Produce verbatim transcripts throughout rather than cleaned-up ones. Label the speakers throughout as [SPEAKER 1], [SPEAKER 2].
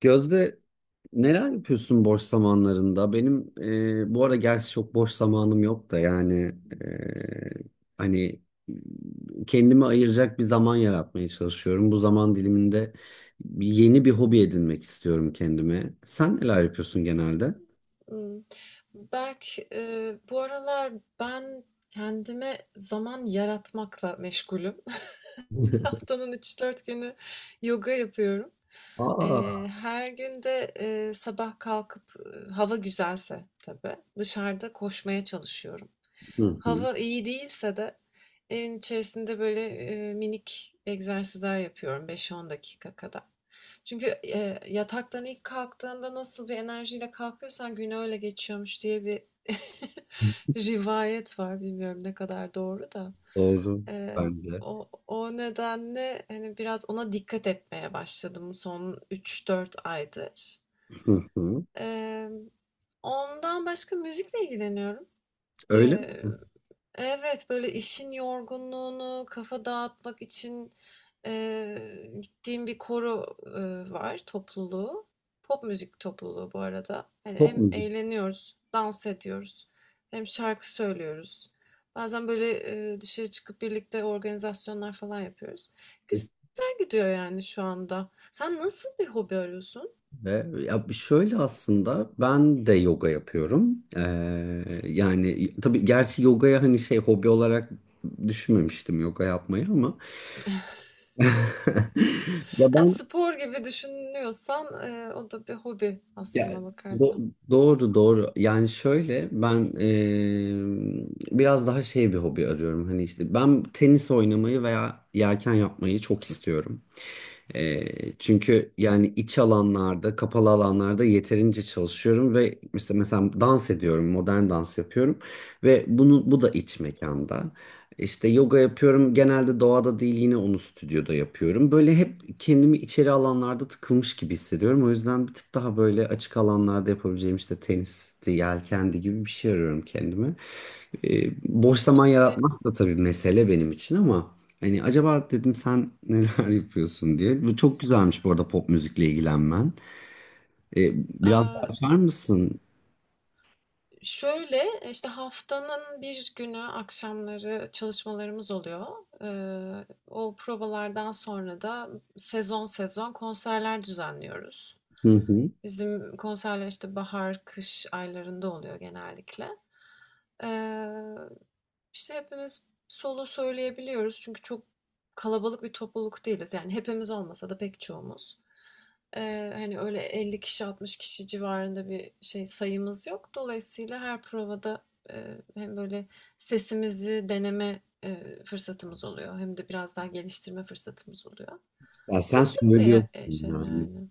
[SPEAKER 1] Gözde, neler yapıyorsun boş zamanlarında? Benim e, bu ara gerçi çok boş zamanım yok da yani. E, hani kendimi ayıracak bir zaman yaratmaya çalışıyorum. Bu zaman diliminde yeni bir hobi edinmek istiyorum kendime. Sen neler yapıyorsun genelde?
[SPEAKER 2] Imm, Berk, eee, bu aralar ben kendime zaman yaratmakla meşgulüm. Haftanın üç dört günü yoga yapıyorum. Eee,
[SPEAKER 1] Aa,
[SPEAKER 2] her gün de eee, sabah kalkıp eee, hava güzelse tabii dışarıda koşmaya çalışıyorum.
[SPEAKER 1] hı hı,
[SPEAKER 2] Hava iyi değilse de evin içerisinde böyle eee, minik egzersizler yapıyorum beş on dakika kadar. Çünkü eee, yataktan ilk kalktığında nasıl bir enerjiyle kalkıyorsan gün öyle geçiyormuş diye bir rivayet var. Bilmiyorum ne kadar doğru da.
[SPEAKER 1] doğru
[SPEAKER 2] Eee,
[SPEAKER 1] bence.
[SPEAKER 2] o o nedenle, hani, biraz ona dikkat etmeye başladım son üç dört aydır.
[SPEAKER 1] Hı hı.
[SPEAKER 2] Emm, ondan başka müzikle ilgileniyorum.
[SPEAKER 1] Öyle
[SPEAKER 2] Eee
[SPEAKER 1] mi?
[SPEAKER 2] Evet, böyle işin yorgunluğunu kafa dağıtmak için eee, gittiğim bir koro eee, var, topluluğu. Pop müzik topluluğu bu arada. Hani
[SPEAKER 1] Pop
[SPEAKER 2] hem
[SPEAKER 1] müzik.
[SPEAKER 2] eğleniyoruz, dans ediyoruz, hem şarkı söylüyoruz. Bazen böyle eee, dışarı çıkıp birlikte organizasyonlar falan yapıyoruz. Güzel gidiyor yani şu anda. Sen nasıl bir hobi arıyorsun?
[SPEAKER 1] Ve ya şöyle, aslında ben de yoga yapıyorum. Ee, yani tabii gerçi yogaya hani şey hobi olarak düşünmemiştim yoga yapmayı ama ya
[SPEAKER 2] Yani
[SPEAKER 1] ben
[SPEAKER 2] spor gibi düşünüyorsan eee, o da bir hobi
[SPEAKER 1] ya
[SPEAKER 2] aslında bakarsan.
[SPEAKER 1] do- doğru doğru yani şöyle ben ee, biraz daha şey bir hobi arıyorum. Hani işte ben tenis oynamayı veya yelken yapmayı çok istiyorum. E, Çünkü yani iç alanlarda, kapalı alanlarda yeterince çalışıyorum ve mesela, mesela dans ediyorum, modern dans yapıyorum ve bunu bu da iç mekanda. İşte yoga yapıyorum. Genelde doğada değil, yine onu stüdyoda yapıyorum. Böyle hep kendimi içeri alanlarda tıkılmış gibi hissediyorum. O yüzden bir tık daha böyle açık alanlarda yapabileceğim, işte tenisti, yelkendi gibi bir şey arıyorum kendime. E, Boş zaman
[SPEAKER 2] Te-
[SPEAKER 1] yaratmak da tabii mesele benim için, ama hani acaba dedim sen neler yapıyorsun diye. Bu çok güzelmiş bu arada pop müzikle ilgilenmen. E, Biraz daha
[SPEAKER 2] Aa,
[SPEAKER 1] açar mısın?
[SPEAKER 2] şöyle, e, işte haftanın bir günü akşamları çalışmalarımız oluyor. Eee, o provalardan sonra da sezon sezon konserler düzenliyoruz.
[SPEAKER 1] Hı hı.
[SPEAKER 2] Bizim konserler işte bahar, kış aylarında oluyor genellikle. Eee, işte hepimiz solo söyleyebiliyoruz çünkü çok kalabalık bir topluluk değiliz. Yani hepimiz olmasa da pek çoğumuz. Eee, hani öyle elli kişi altmış kişi civarında bir şey sayımız yok. Dolayısıyla her provada eee, hem böyle sesimizi deneme eee, fırsatımız oluyor hem de biraz daha geliştirme fırsatımız oluyor.
[SPEAKER 1] Ya sen
[SPEAKER 2] Tatlı bir
[SPEAKER 1] söylüyorsun
[SPEAKER 2] e, şey
[SPEAKER 1] yani.
[SPEAKER 2] yani.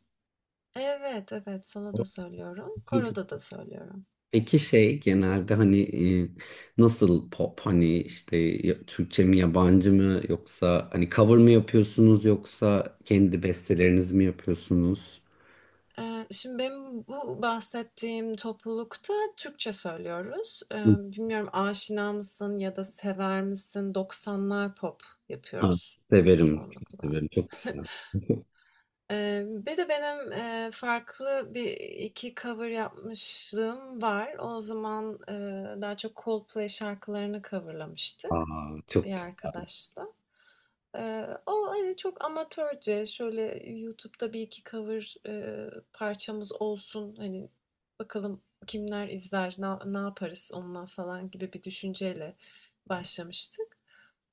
[SPEAKER 2] Evet evet solo
[SPEAKER 1] O
[SPEAKER 2] da söylüyorum,
[SPEAKER 1] çok-
[SPEAKER 2] koroda da söylüyorum.
[SPEAKER 1] Peki şey genelde hani e, nasıl pop, hani işte ya- Türkçe mi, yabancı mı, yoksa hani cover mı yapıyorsunuz yoksa kendi bestelerinizi mi yapıyorsunuz?
[SPEAKER 2] Eee, şimdi benim bu bahsettiğim toplulukta Türkçe söylüyoruz. Eee,
[SPEAKER 1] Hı.
[SPEAKER 2] bilmiyorum aşina mısın ya da sever misin? doksanlar pop
[SPEAKER 1] Ha,
[SPEAKER 2] yapıyoruz
[SPEAKER 1] severim, çok
[SPEAKER 2] çoğunlukla.
[SPEAKER 1] severim, çok güzel.
[SPEAKER 2] Eee, bir de benim eee, farklı bir iki cover yapmışlığım var. O zaman eee, daha çok Coldplay şarkılarını coverlamıştık
[SPEAKER 1] Aa,
[SPEAKER 2] bir
[SPEAKER 1] çok güzel.
[SPEAKER 2] arkadaşla. Eee, o, hani, çok amatörce, şöyle YouTube'da bir iki cover, eee, parçamız olsun, hani, bakalım kimler izler, na ne yaparız onunla falan gibi bir düşünceyle başlamıştık.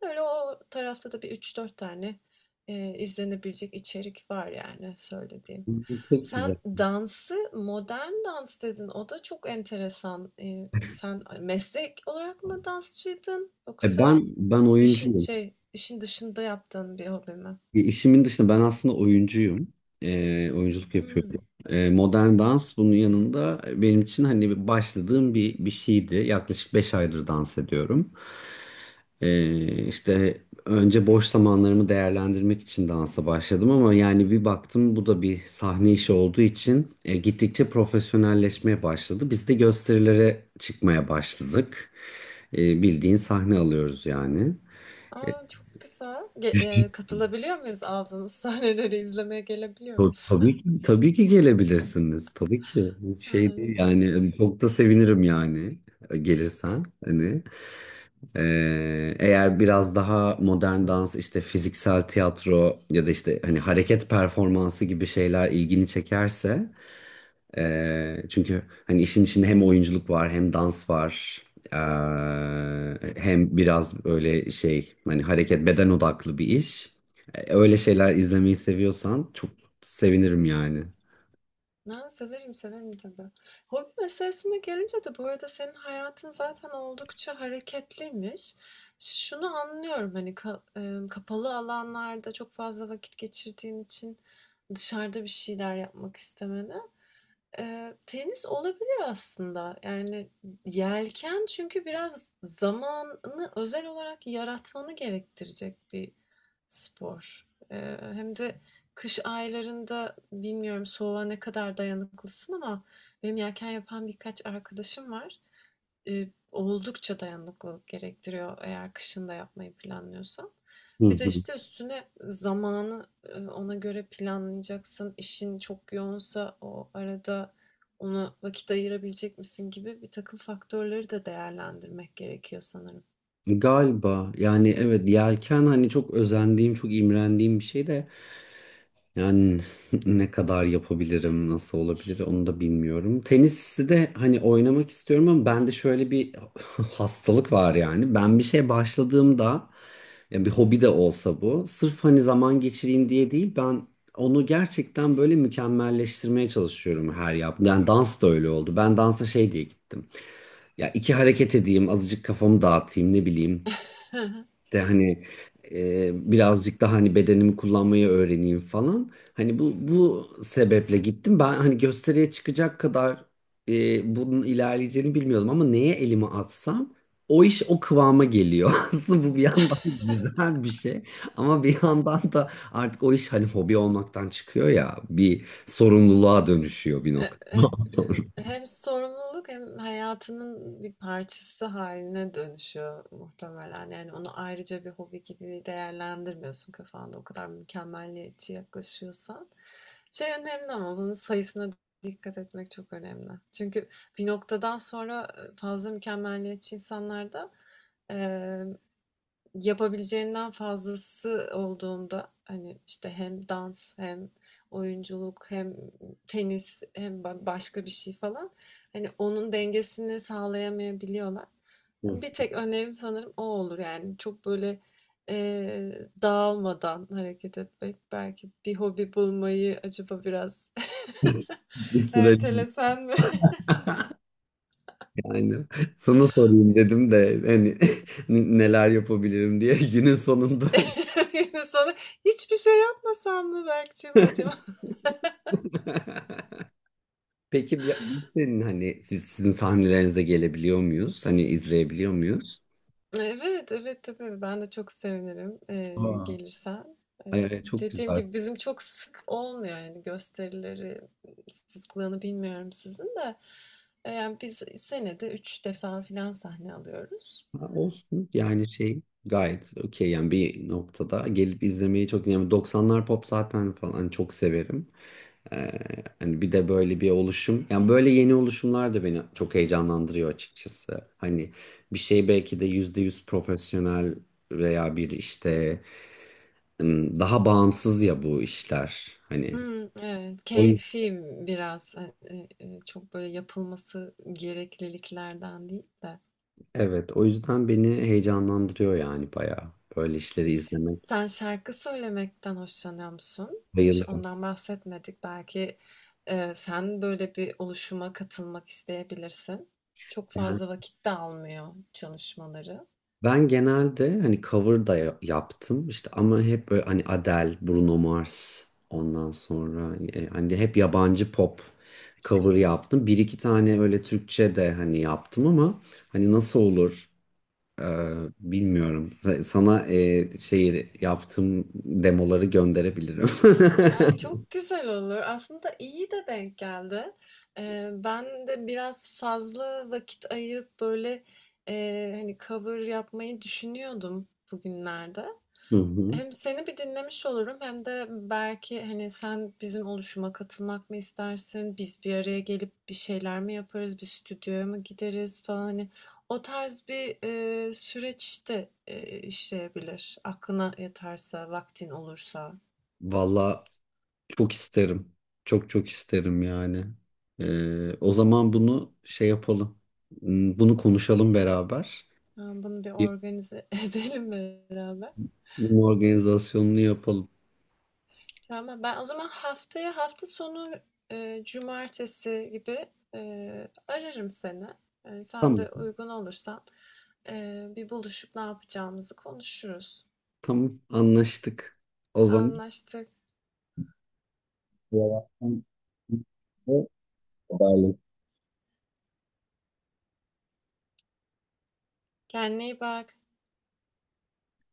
[SPEAKER 2] Öyle o tarafta da bir üç dört tane, eee, izlenebilecek içerik var yani söylediğim.
[SPEAKER 1] Çok güzel.
[SPEAKER 2] Sen dansı, modern dans dedin. O da çok enteresan. Eee, sen meslek olarak mı dansçıydın
[SPEAKER 1] E ben
[SPEAKER 2] yoksa
[SPEAKER 1] ben
[SPEAKER 2] İşin
[SPEAKER 1] oyuncuyum.
[SPEAKER 2] şey, işin dışında yaptığın bir hobi mi?
[SPEAKER 1] E, İşimin dışında ben aslında oyuncuyum. E, oyunculuk
[SPEAKER 2] Hımm.
[SPEAKER 1] yapıyorum. E, modern dans bunun yanında benim için hani bir başladığım bir, bir şeydi. Yaklaşık beş aydır dans ediyorum. E, işte önce boş zamanlarımı değerlendirmek için dansa başladım, ama yani bir baktım bu da bir sahne işi olduğu için e, gittikçe profesyonelleşmeye başladı. Biz de gösterilere çıkmaya başladık. E, bildiğin sahne alıyoruz yani.
[SPEAKER 2] A, çok güzel. Ge eee, katılabiliyor muyuz? Aldığınız sahneleri izlemeye gelebiliyor
[SPEAKER 1] Ta-
[SPEAKER 2] muyuz?
[SPEAKER 1] Tabii ki, tabii ki gelebilirsiniz. Tabii ki. Hiç şey
[SPEAKER 2] A,
[SPEAKER 1] değil yani,
[SPEAKER 2] süper.
[SPEAKER 1] hani çok da sevinirim yani e, gelirsen. Hani e, eğer biraz daha modern dans, işte fiziksel tiyatro ya da işte hani hareket performansı gibi şeyler ilgini çekerse. E, çünkü hani işin içinde hem oyunculuk var hem dans var. E, Hem biraz böyle şey hani hareket, beden odaklı bir iş. E, Öyle şeyler izlemeyi seviyorsan çok sevinirim yani.
[SPEAKER 2] A, severim, severim tabii. Hobi meselesine gelince de bu arada senin hayatın zaten oldukça hareketliymiş. Şunu anlıyorum, hani, ka emm, kapalı alanlarda çok fazla vakit geçirdiğin için dışarıda bir şeyler yapmak istemeni. Eee, tenis olabilir aslında. Yani yelken çünkü biraz zamanını özel olarak yaratmanı gerektirecek bir spor. Eee, hem de kış aylarında bilmiyorum soğuğa ne kadar dayanıklısın ama benim yelken yapan birkaç arkadaşım var. Eee, oldukça dayanıklılık gerektiriyor eğer kışın da yapmayı planlıyorsan.
[SPEAKER 1] Hı
[SPEAKER 2] Bir de
[SPEAKER 1] hı.
[SPEAKER 2] işte üstüne zamanı, eee, ona göre planlayacaksın. İşin çok yoğunsa o arada ona vakit ayırabilecek misin gibi bir takım faktörleri de değerlendirmek gerekiyor sanırım.
[SPEAKER 1] Galiba. Yani evet, yelken hani çok özendiğim, çok imrendiğim bir şey de, yani ne kadar yapabilirim, nasıl olabilir onu da bilmiyorum. Tenisi de hani oynamak istiyorum, ama bende şöyle bir hastalık var. Yani ben bir şeye başladığımda, yani bir hobi de olsa, bu sırf hani zaman geçireyim diye değil, ben onu gerçekten böyle mükemmelleştirmeye çalışıyorum her yaptığım. Yani dans da öyle oldu. Ben dansa şey diye gittim ya, iki hareket edeyim, azıcık kafamı dağıtayım, ne bileyim, işte hani e, birazcık daha hani bedenimi kullanmayı öğreneyim falan. Hani bu bu sebeple gittim. Ben hani gösteriye çıkacak kadar e, bunun ilerleyeceğini bilmiyordum, ama neye elimi atsam o iş o kıvama geliyor. Aslında bu bir yandan güzel bir şey, ama bir yandan da artık o iş hani hobi olmaktan çıkıyor ya, bir sorumluluğa dönüşüyor bir
[SPEAKER 2] E e
[SPEAKER 1] noktadan sonra.
[SPEAKER 2] eee, hem sorumluluk hem hayatının bir parçası haline dönüşüyor muhtemelen. Yani onu ayrıca bir hobi gibi değerlendirmiyorsun kafanda o kadar mükemmeliyetçi yaklaşıyorsan. Şey önemli ama bunun sayısına dikkat etmek çok önemli. Çünkü bir noktadan sonra, e, fazla mükemmeliyetçi insanlarda, yapabileceğinden fazlası olduğunda, hani, işte, hem dans hem oyunculuk hem tenis hem ba başka bir şey falan, hani, onun dengesini sağlayamayabiliyorlar. Bir tek önerim sanırım o olur, yani, çok böyle, eee, dağılmadan hareket etmek. Belki bir hobi bulmayı acaba biraz
[SPEAKER 1] Bir süreç.
[SPEAKER 2] ertelesen mi?
[SPEAKER 1] Aynen. Sana sorayım dedim de hani n- neler yapabilirim diye günün sonunda.
[SPEAKER 2] Yine sonra hiçbir şey yapmasam mı Berk'cim acaba?
[SPEAKER 1] Peki bir- biz senin hani siz, sizin sahnelerinize gelebiliyor muyuz? Hani izleyebiliyor muyuz?
[SPEAKER 2] Evet, evet tabii. Ben de çok sevinirim, eee,
[SPEAKER 1] Aa,
[SPEAKER 2] gelirsen. Eee,
[SPEAKER 1] Ee, çok
[SPEAKER 2] dediğim
[SPEAKER 1] güzel.
[SPEAKER 2] gibi bizim çok sık olmuyor yani gösterileri sıklığını bilmiyorum sizin de. Eee, yani biz senede üç defa filan sahne alıyoruz.
[SPEAKER 1] Ha, olsun yani, şey gayet okey yani. Bir noktada gelip izlemeyi çok, yani doksanlar pop zaten falan, hani çok severim. Ee, Hani bir de böyle bir oluşum. Yani böyle yeni oluşumlar da beni çok heyecanlandırıyor açıkçası. Hani bir şey belki de yüzde yüz profesyonel veya bir işte, ım, daha bağımsız ya bu işler. Hani
[SPEAKER 2] Hmm evet,
[SPEAKER 1] o, yüz-
[SPEAKER 2] keyfi biraz, hani, eee, çok böyle yapılması gerekliliklerden değil de.
[SPEAKER 1] evet, o yüzden beni heyecanlandırıyor yani bayağı. Böyle işleri izlemek
[SPEAKER 2] Sen şarkı söylemekten hoşlanıyor musun? Hiç
[SPEAKER 1] bayılırım.
[SPEAKER 2] ondan bahsetmedik. Belki, eee, sen böyle bir oluşuma katılmak isteyebilirsin. Çok
[SPEAKER 1] Yani
[SPEAKER 2] fazla vakit de almıyor çalışmaları.
[SPEAKER 1] Ben genelde hani cover da ya- yaptım işte, ama hep böyle hani Adele, Bruno Mars, ondan sonra e, hani hep yabancı pop cover yaptım. Bir iki tane öyle Türkçe de hani yaptım, ama hani nasıl olur e, bilmiyorum. Sa- Sana e, şey yaptığım demoları gönderebilirim.
[SPEAKER 2] Ha, çok güzel olur. Aslında iyi de denk geldi. Ee, ben de biraz fazla vakit ayırıp böyle e, hani cover yapmayı düşünüyordum bugünlerde.
[SPEAKER 1] Hı hı.
[SPEAKER 2] Hem seni bir dinlemiş olurum hem de belki hani sen bizim oluşuma katılmak mı istersin? Biz bir araya gelip bir şeyler mi yaparız? Bir stüdyoya mı gideriz falan hani o tarz bir e, süreç de e, işleyebilir. Aklına yatarsa, vaktin olursa.
[SPEAKER 1] Valla çok isterim. Çok çok isterim yani. Ee, o zaman bunu şey yapalım. Hmm, bunu konuşalım beraber.
[SPEAKER 2] Tamam, bunu bir
[SPEAKER 1] Bir-
[SPEAKER 2] organize edelim beraber.
[SPEAKER 1] Bunun organizasyonunu yapalım.
[SPEAKER 2] Tamam, ben o zaman haftaya hafta sonu e, cumartesi gibi e, ararım seni. E, sen
[SPEAKER 1] Tamam.
[SPEAKER 2] de uygun olursan e, bir buluşup ne yapacağımızı konuşuruz.
[SPEAKER 1] Tamam. Anlaştık. O zaman
[SPEAKER 2] Anlaştık.
[SPEAKER 1] yavaştan haberleşelim.
[SPEAKER 2] Kendine iyi bak.